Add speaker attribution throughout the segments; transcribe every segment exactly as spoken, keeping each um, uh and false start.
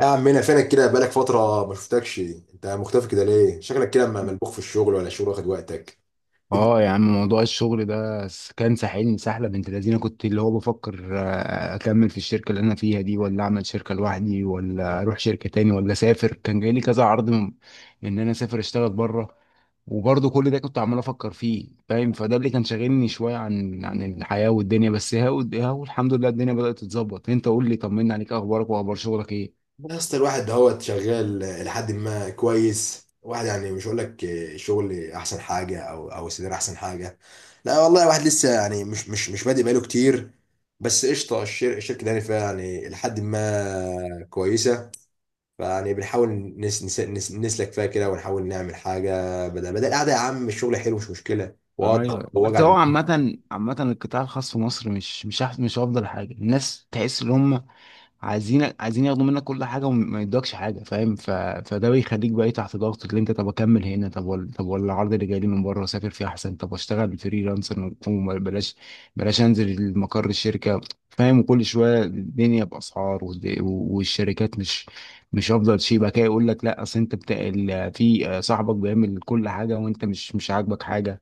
Speaker 1: يا عمنا فينك كده بقالك فترة ما شفتكش انت مختفي كده ليه؟ شكلك كده م- ملبوخ في الشغل ولا الشغل واخد وقتك؟ الد-
Speaker 2: اه يا عم، موضوع الشغل ده س- كان ساحلني سحله بنت لذينه. كنت اللي هو بفكر آه، اكمل في الشركه اللي انا فيها دي، ولا اعمل شركه لوحدي، ولا اروح شركه تاني، ولا اسافر. كان جاي لي كذا عرض من ان انا اسافر اشتغل بره. وبرضه كل ده كنت عمال افكر فيه، فاهم؟ فده اللي كان شاغلني شويه عن عن الحياه والدنيا. بس هاو هاو الحمد لله الدنيا بدات تتظبط. انت قول لي، طمنا عليك، اخبارك واخبار شغلك ايه؟
Speaker 1: يا اسطى الواحد هو شغال لحد ما كويس. واحد يعني مش هقول لك الشغل احسن حاجة او او السيدر احسن حاجة. لا والله الواحد لسه يعني مش مش مش بادئ بقاله كتير. بس قشطة الشر- الشركة دي يعني فيها يعني لحد ما كويسة. فيعني بنحاول نس نس نس نسلك فيها كده ونحاول نعمل حاجة بدل بدل القعدة. يا عم الشغل حلو، مش مشكلة، وضغط
Speaker 2: ايوه. بس هو
Speaker 1: ووجع
Speaker 2: عامة عامة القطاع الخاص في مصر مش مش أحسن، مش افضل حاجة. الناس تحس ان هم عايزين عايزين ياخدوا منك كل حاجه وما يدوكش حاجه، فاهم؟ ف... فده بيخليك بقى إيه، تحت ضغط. اللي انت طب اكمل هنا، طب ولا طب ولا العرض اللي جاي لي من بره اسافر فيه احسن، طب اشتغل فريلانسر وبلاش، بلاش انزل مقر الشركه. فاهم؟ وكل شويه الدنيا باسعار، والد- والشركات مش مش افضل شيء. بقى كده يقول لك لا اصل انت بتا... ال- في صاحبك بيعمل كل حاجه وانت مش مش عاجبك حاجه.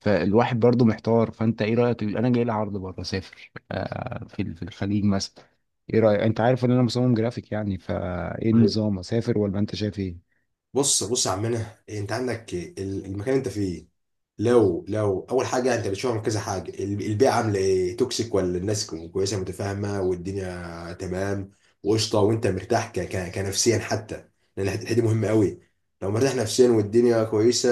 Speaker 2: فالواحد برضو محتار. فانت ايه رايك؟ انا جاي لي عرض بره اسافر، آه، في في الخليج مثلا. ايه رأيك؟ انت عارف ان انا مصمم جرافيك يعني. فايه
Speaker 1: دماغ.
Speaker 2: النظام؟ اسافر ولا انت شايف ايه؟
Speaker 1: بص بص يا عمنا، انت عندك ال- المكان اللي انت فيه. لو لو اول حاجه انت بتشوف من كذا حاجه، ال- البيئه عامله ايه، توكسيك ولا الناس كويسه متفاهمه والدنيا تمام وقشطه، وانت مرتاح ك ك كنفسيا حتى، لان الحته الحتة دي مهمه قوي. لو مرتاح نفسيا والدنيا كويسه،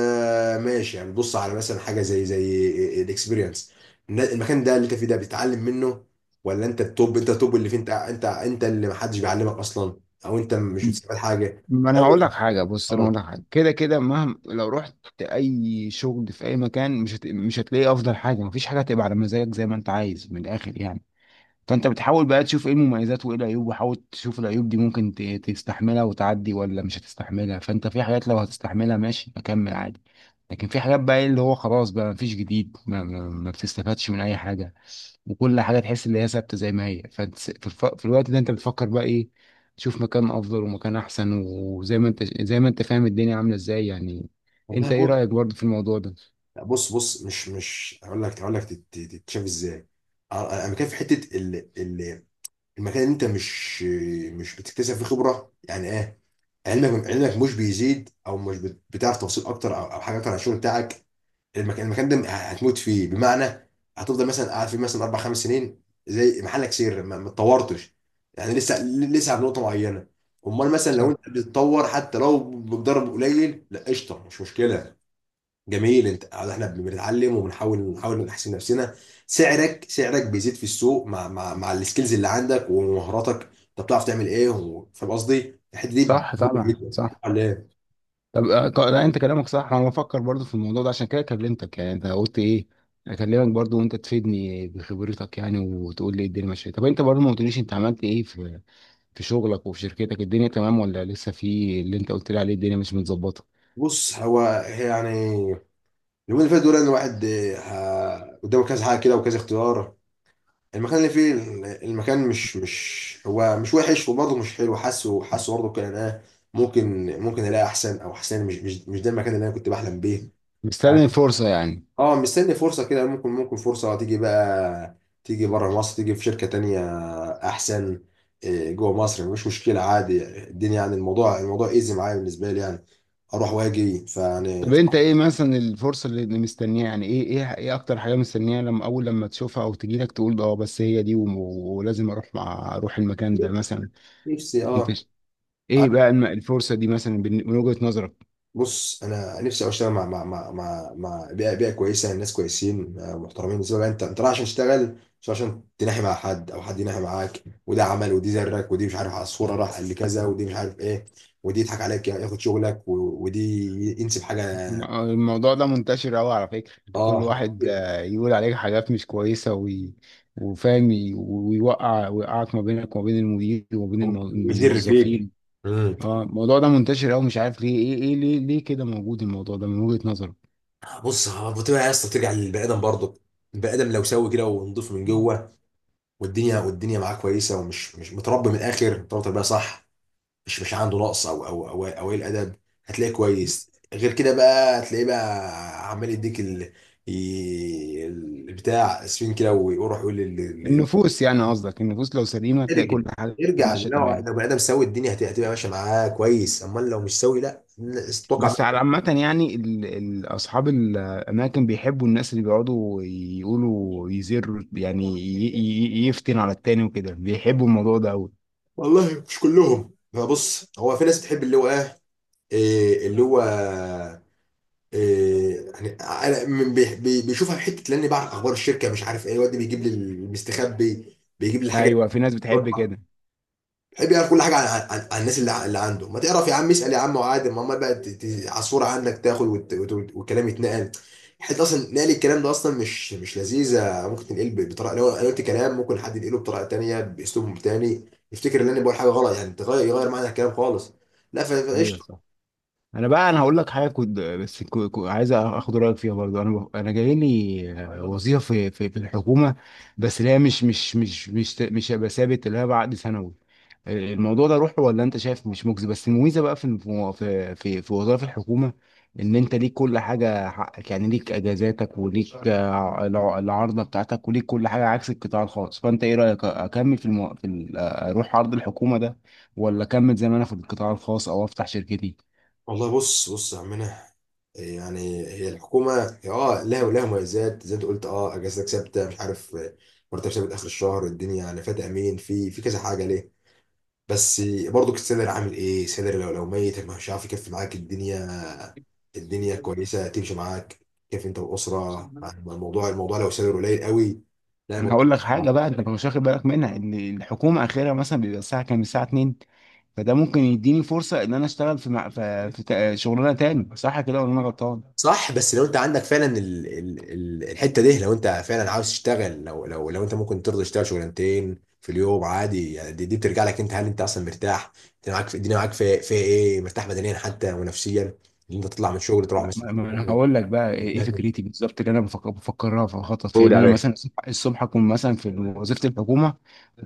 Speaker 1: ماشي. يعني بص على مثلا حاجه زي زي الاكسبيرينس، المكان ده اللي انت فيه ده بتتعلم منه، ولا انت التوب انت التوب اللي فيه، انت انت انت اللي محدش بيعلمك اصلا، او انت مش بتستفاد حاجه؟
Speaker 2: ما انا
Speaker 1: لو-
Speaker 2: هقول لك حاجه، بص انا
Speaker 1: اه
Speaker 2: هقول لك حاجه. كده كده مهما لو رحت اي شغل في اي مكان مش هت... مش هتلاقي افضل حاجه. مفيش حاجه هتبقى على مزاجك زي ما انت عايز من الاخر يعني. فانت بتحاول بقى تشوف ايه المميزات وايه العيوب، وحاول تشوف العيوب دي ممكن ت- تستحملها وتعدي ولا مش هتستحملها. فانت في حاجات لو هتستحملها ماشي اكمل عادي. لكن في حاجات بقى إيه اللي هو خلاص، بقى مفيش جديد، ما, ما, ما بتستفادش من اي حاجة. وكل حاجة تحس ان هي ثابتة زي ما هي. فانت س- في, الف... في الوقت ده انت بتفكر بقى ايه؟ تشوف مكان افضل ومكان احسن. وزي ما انت زي ما انت فاهم الدنيا عاملة ازاي يعني.
Speaker 1: والله.
Speaker 2: انت ايه
Speaker 1: بص
Speaker 2: رأيك برضه في الموضوع ده؟
Speaker 1: بص بص مش مش هقول لك هقول لك تت- تت- تتشاف ازاي. أ- انا كان في حته ال- ال- المكان اللي انت مش مش بتكتسب فيه خبره، يعني ايه، علمك علمك مش بيزيد، او مش بت- بتعرف توصيل اكتر او او حاجه اكتر عن الشغل بتاعك. المكان المكان ده هتموت فيه، بمعنى هتفضل مثلا قاعد فيه مثلا اربع خمس سنين زي محلك سر ما ما اتطورتش، يعني لسه لسه على نقطه معينه. امال مثلا لو
Speaker 2: صح.
Speaker 1: انت بتتطور حتى لو بضرب قليل، لا قشطه، مش مشكله، جميل. انت احنا بنتعلم، وبنحاول نحاول نحسن نفسنا، سعرك سعرك بيزيد في السوق مع مع مع السكيلز اللي عندك ومهاراتك، انت بتعرف تعمل ايه، و- فاهم قصدي، الحته دي
Speaker 2: صح
Speaker 1: مهمه
Speaker 2: طبعا.
Speaker 1: جدا،
Speaker 2: صح.
Speaker 1: على ايه؟
Speaker 2: طب آه، ك- لا، انت كلامك صح. انا بفكر برضو في الموضوع ده عشان كده كلمتك يعني. انت قلت ايه؟ اكلمك برضو وانت تفيدني بخبرتك يعني، وتقول لي إيه الدنيا ماشيه. طب انت برضو ما قلتليش انت عملت ايه في في شغلك وفي شركتك؟ الدنيا تمام ولا لسه في اللي انت قلت لي عليه الدنيا مش متظبطه؟
Speaker 1: بص هو، يعني اليومين اللي فاتوا دول ان الواحد اه، ه- قدامه كذا حاجه كده وكذا اختيار. المكان اللي فيه ال- المكان مش مش هو، مش وحش وبرضه مش حلو، حاسه حاسه برضه كان انا ممكن ممكن الاقي احسن، او احسن مش مش مش ده المكان اللي انا كنت بحلم بيه.
Speaker 2: مستني الفرصه يعني.
Speaker 1: اه، مستني فرصة كده، ممكن ممكن فرصة تيجي بقى، تيجي بره مصر، تيجي في شركة تانية أحسن. إيه، جوه مصر مش مشكلة عادي، الدنيا يعني الموضوع الموضوع ايزي معايا بالنسبة لي، يعني أروح وأجي، فيعني
Speaker 2: طب انت ايه مثلا الفرصه اللي مستنيها يعني؟ ايه ايه ايه اكتر حاجه مستنيها لما اول لما تشوفها او تجيلك تقول اه بس هي دي، وم- ولازم اروح مع اروح المكان ده مثلا؟
Speaker 1: نفسي،
Speaker 2: انت
Speaker 1: اه.
Speaker 2: ش- ايه بقى الم- الفرصه دي مثلا بن- من وجهه نظرك؟
Speaker 1: بص انا نفسي أوي اشتغل مع مع مع مع, مع بيئه بيئه كويسه، ناس كويسين، آه، محترمين، بالنسبه لك، انت انت رايح عشان تشتغل، مش رايح عشان تناحي مع حد، او حد يناحي معاك وده عمل، ودي زرك، ودي مش عارف على الصوره، راح قال لي كذا، ودي مش عارف ايه، ودي يضحك عليك، ياخد شغلك، و- ودي ينسب حاجه.
Speaker 2: الم- الموضوع ده منتشر أوي على فكرة. كل
Speaker 1: اه،
Speaker 2: واحد آه، يقول عليك حاجات مش كويسة، وي... وفاهم، ي- ويوقع ويقعك ما بينك وما بين المدير وما بين المو-
Speaker 1: ويدر فيك.
Speaker 2: الموظفين.
Speaker 1: امم.
Speaker 2: اه الموضوع ده منتشر أوي. مش عارف ليه. ايه ايه ليه ليه كده موجود الموضوع ده من وجهة نظرك؟
Speaker 1: بص هو بتبقى يا اسطى، بترجع للبني ادم برضه. البني ادم لو سوي كده ونضيف من جوه، والدنيا والدنيا معاه كويسه، ومش مش متربي، من الاخر متربي تربيه صح، مش مش عنده نقص او او او او قليل ادب، هتلاقيه كويس. غير كده بقى هتلاقيه بقى عمال يديك ال... ي- البتاع، اسفين كده، ويروح يقول لل- لل-
Speaker 2: النفوس يعني، قصدك النفوس لو سليمة تلاقي
Speaker 1: ارجع
Speaker 2: كل حاجة
Speaker 1: ارجع.
Speaker 2: ماشية
Speaker 1: لو
Speaker 2: تمام.
Speaker 1: لو بني ادم سوي، الدنيا هت- هتبقى ماشيه معاه كويس. امال لو مش سوي، لا، الناس اتوقع
Speaker 2: بس على
Speaker 1: منه.
Speaker 2: عامة يعني ال- ال- أصحاب الأماكن بيحبوا الناس اللي بيقعدوا يقولوا، يزروا يعني، ي- ي- يفتن على التاني وكده، بيحبوا الموضوع ده أوي.
Speaker 1: والله مش كلهم. فبص، هو في ناس بتحب اللي هو ايه، إيه اللي هو، إيه، يعني انا من- بي- بي- بيشوفها في حته، لاني بعرف اخبار الشركه، مش عارف ايه، الواد ده بيجيب لي المستخبي، بيجيب لي الحاجه،
Speaker 2: أيوه في ناس بتحب كده.
Speaker 1: بحب يعرف كل حاجه عن, عن, عن الناس، اللي, ع- اللي عنده. ما تعرف يا عم، اسال يا عم وعادي، ما هم بقى ت- ت- على الصوره عنك تاخد وت- وت- والكلام يتنقل. حتى اصلا نقل الكلام ده اصلا مش مش لذيذه، ممكن تنقل ب- بطريقه، لو أنا قلت كلام ممكن حد ينقله بطريقه تانيه باسلوب تاني، يفتكر ان انا بقول حاجه غلط، يعني تغير يغير معنى الكلام خالص. لا، ف-
Speaker 2: أيوه
Speaker 1: فقشطه.
Speaker 2: صح. أنا بقى أنا هقول لك حاجة كنت بس كو- كو- عايز آخد رأيك فيها برضه. أنا ب- أنا جاي لي وظيفة في في في الحكومة. بس اللي هي مش مش مش مش مش هبقى ثابت، اللي هي بعقد سنوي. الموضوع ده روحه ولا انت شايف مش مجزي؟ بس الميزه بقى في في في, في وظائف الحكومه، ان انت ليك كل حاجه حقك يعني، ليك اجازاتك، وليك آه، الع- العارضه بتاعتك، وليك كل حاجه عكس القطاع الخاص. فانت ايه رايك؟ اكمل في, المو... في ال... آه، اروح عرض الحكومه ده، ولا اكمل زي ما انا في القطاع الخاص، او افتح شركتي؟
Speaker 1: والله بص بص يا عمنا، يعني هي الحكومه، هي اه لها، ولها مميزات زي ما انت قلت، اه اجازتك ثابته، مش عارف، مرتب ثابت اخر الشهر، الدنيا يعني فات امين في في كذا حاجه ليه. بس برضو السيلر عامل ايه، سيلر لو لو ميت مش عارف يكفي معاك الدنيا، الدنيا كويسه تمشي معاك، كيف انت والاسره. الموضوع الموضوع لو سيلر قليل قوي، لا
Speaker 2: انا
Speaker 1: الموضوع
Speaker 2: هقول لك
Speaker 1: صعب.
Speaker 2: حاجه بقى انت مش واخد بالك منها، ان الحكومه اخرها مثلا بيبقى الساعه كام؟ الساعه اتنين. فده ممكن يديني فرصه ان انا اشتغل في مع... في, في... تا- شغلانه تاني. صح كده ولا انا غلطان؟
Speaker 1: صح. بس لو انت عندك فعلا ال ال ال الحته دي، لو انت فعلا عاوز تشتغل، لو لو لو انت ممكن ترضى تشتغل شغلانتين في اليوم عادي، يعني دي, دي بترجع لك انت، هل انت اصلا مرتاح؟ انت معاك في الدنيا، معاك في في ايه، مرتاح بدنيا حتى ونفسيا، ان انت تطلع من الشغل تروح مثلا
Speaker 2: ما ما انا هقول لك بقى ايه إيه فكرتي بالظبط اللي انا بفكر بفكرها، في خطط فيها
Speaker 1: تقول
Speaker 2: ان
Speaker 1: يا
Speaker 2: انا مثلا
Speaker 1: باشا.
Speaker 2: الصبح الصبح اكون مثلا في وظيفه الحكومه،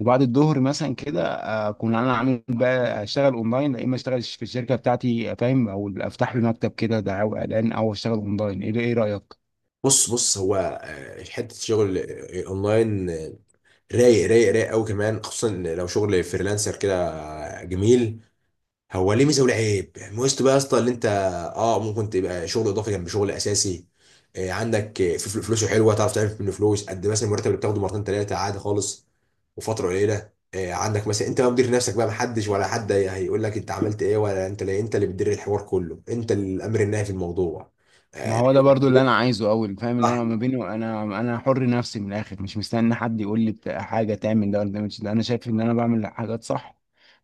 Speaker 2: وبعد الظهر مثلا كده اكون انا عامل بقى اشتغل اونلاين، يا اما اشتغل في الشركه بتاعتي، فاهم؟ او افتح لي مكتب كده دعاوى اعلان، او اشتغل اونلاين. ايه ايه رايك؟
Speaker 1: بص بص هو، آه، حته شغل، آه، اونلاين، آه، رايق رايق رايق قوي كمان، خصوصا لو شغل فريلانسر كده، آه، جميل. هو ليه ميزه وليه عيب، ميزته بقى يا اسطى اللي انت اه ممكن تبقى شغل اضافي جنب شغل اساسي، آه، عندك آه، في فل- فلوسه حلوه، تعرف تعمل منه فلوس قد إيه، مثلا المرتب اللي بتاخده مرتين ثلاثه عادي خالص، وفتره قليله. آه، عندك مثلا انت بقى مدير نفسك بقى، محدش، ولا حد هيقول لك انت عملت ايه ولا انت ليه، انت اللي بتدير الحوار كله، انت الامر النهائي في الموضوع.
Speaker 2: ما هو ده برضو اللي انا عايزه، اول فاهم اللي انا
Speaker 1: صح.
Speaker 2: ما بينه، انا انا حر نفسي من الاخر. مش مستني حد يقول لي بتاع- حاجه تعمل ده ولا ما تعملش ده. انا شايف ان انا بعمل حاجات صح.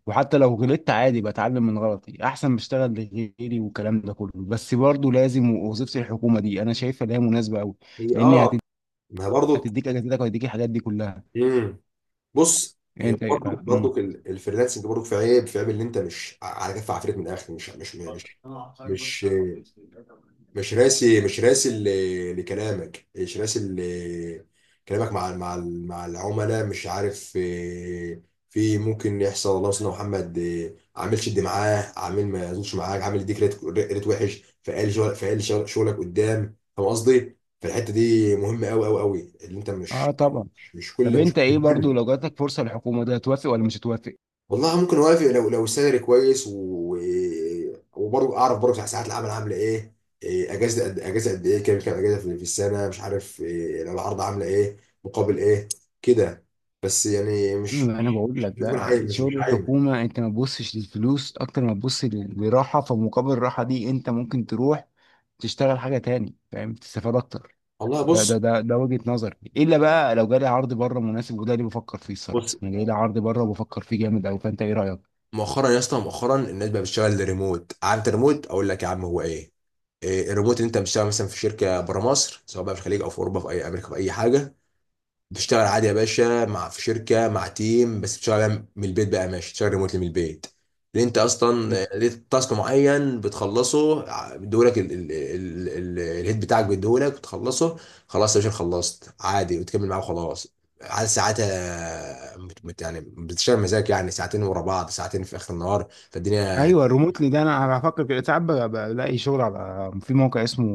Speaker 2: وحتى لو غلطت عادي بتعلم من غلطي، احسن بشتغل لغيري والكلام ده كله. بس برضو لازم وظيفه الحكومه دي انا شايفها اللي هي مناسبه قوي.
Speaker 1: هي
Speaker 2: لان
Speaker 1: اه
Speaker 2: هتد-
Speaker 1: ما هي برضو.
Speaker 2: هتديك اجازتك وهتديك الحاجات دي كلها.
Speaker 1: امم. بص
Speaker 2: يعني
Speaker 1: هي
Speaker 2: انت ايه
Speaker 1: برضو
Speaker 2: رأيك؟ مم.
Speaker 1: برضو ال- الفريلانسنج برضو في عيب في عيب اللي انت مش على كف عفريت، من الاخر مش مش مش مش مش راسي، مش راسي ل- لكلامك، مش راسي ل- كلامك مع مع ال- مع العملاء، مش عارف، آه، في ممكن يحصل. والله مثلا محمد، آه، عامل شد معاه، عامل ما يظبطش معاك، عامل يديك ريت ريت وحش، فقال شغل فقال شغل- شغلك قدام، فاهم قصدي؟ فالحته دي مهمه قوي قوي قوي اللي انت مش
Speaker 2: اه طبعا.
Speaker 1: مش
Speaker 2: طب
Speaker 1: كل مش
Speaker 2: انت ايه برضو لو جاتك فرصه للحكومه ده، هتوافق ولا مش هتوافق؟
Speaker 1: والله ممكن اوافق، لو لو السالري كويس و... وبرضه اعرف برضه ساعات العمل عامله ايه، إيه، اجازه قد اجازه قد ايه، كام كام اجازه في في السنه مش عارف، إيه، لو العرض عامله ايه، مقابل ايه كده. بس يعني مش
Speaker 2: ما انا
Speaker 1: مش
Speaker 2: بقول
Speaker 1: مش
Speaker 2: لك
Speaker 1: بتكون حاجه،
Speaker 2: بقى
Speaker 1: مش مش
Speaker 2: شغل
Speaker 1: حاجه.
Speaker 2: الحكومه انت ما تبصش للفلوس اكتر ما تبص لل- لراحه. فمقابل الراحه دي انت ممكن تروح تشتغل حاجه تاني، فاهم، تستفاد اكتر.
Speaker 1: والله
Speaker 2: ده ده
Speaker 1: بص
Speaker 2: ده ده وجهه نظري. الا بقى لو جالي عرض بره مناسب، وده اللي بفكر فيه
Speaker 1: بص
Speaker 2: الصراحه. انا جاي لي عرض بره وبفكر فيه جامد قوي. فانت ايه رايك؟
Speaker 1: مؤخرا يا اسطى، مؤخرا الناس بقى بتشتغل ريموت. عارف الريموت؟ اقول لك يا عم هو ايه. إيه، الريموت اللي انت بتشتغل مثلا في شركه بره مصر، سواء بقى في الخليج او في اوروبا، في اي امريكا، في اي حاجه، بتشتغل عادي يا باشا، مع في شركه، مع تيم، بس بتشتغل من البيت بقى، ماشي، بتشتغل ريموتلي من البيت، لان انت اصلا ليك تاسك معين بتخلصه، ع- بيديهولك ال- ال- ال- ال- الهيد بتاعك بيديهولك بتخلصه، خلاص يا باشا، خلصت عادي، وتكمل معاه وخلاص. عاد ساعاتها مت- مت- يعني بتشتغل مزاج، يعني ساعتين ورا بعض، ساعتين في اخر النهار، فالدنيا.
Speaker 2: ايوه الريموتلي ده انا بفكر كده. ساعات ب- بلاقي شغل على في موقع اسمه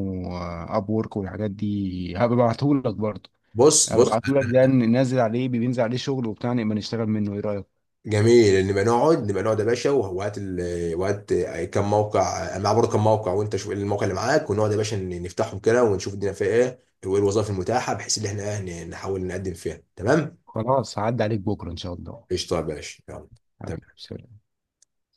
Speaker 2: اب وورك والحاجات دي، هبعتهولك برضه.
Speaker 1: بص بص
Speaker 2: هبعتهولك ده ننزل عليه، بينزل عليه شغل وبتاع، نبقى نشتغل منه. ايه رايك؟
Speaker 1: جميل، ان نبقى نقعد نبقى نقعد يا باشا، وهات ال... وهات كم موقع، انا معايا برضه كم موقع، وانت شوف إيه الموقع اللي معاك، ونقعد يا باشا ن- نفتحهم كده، ونشوف الدنيا فيها ايه، وايه الوظائف المتاحه، بحيث ان احنا إيه ن- نحاول نقدم فيها، تمام؟
Speaker 2: خلاص عدى عليك بكرة إن شاء الله.
Speaker 1: قشطه يا باشا، يلا
Speaker 2: حبيبي
Speaker 1: تمام
Speaker 2: سلام.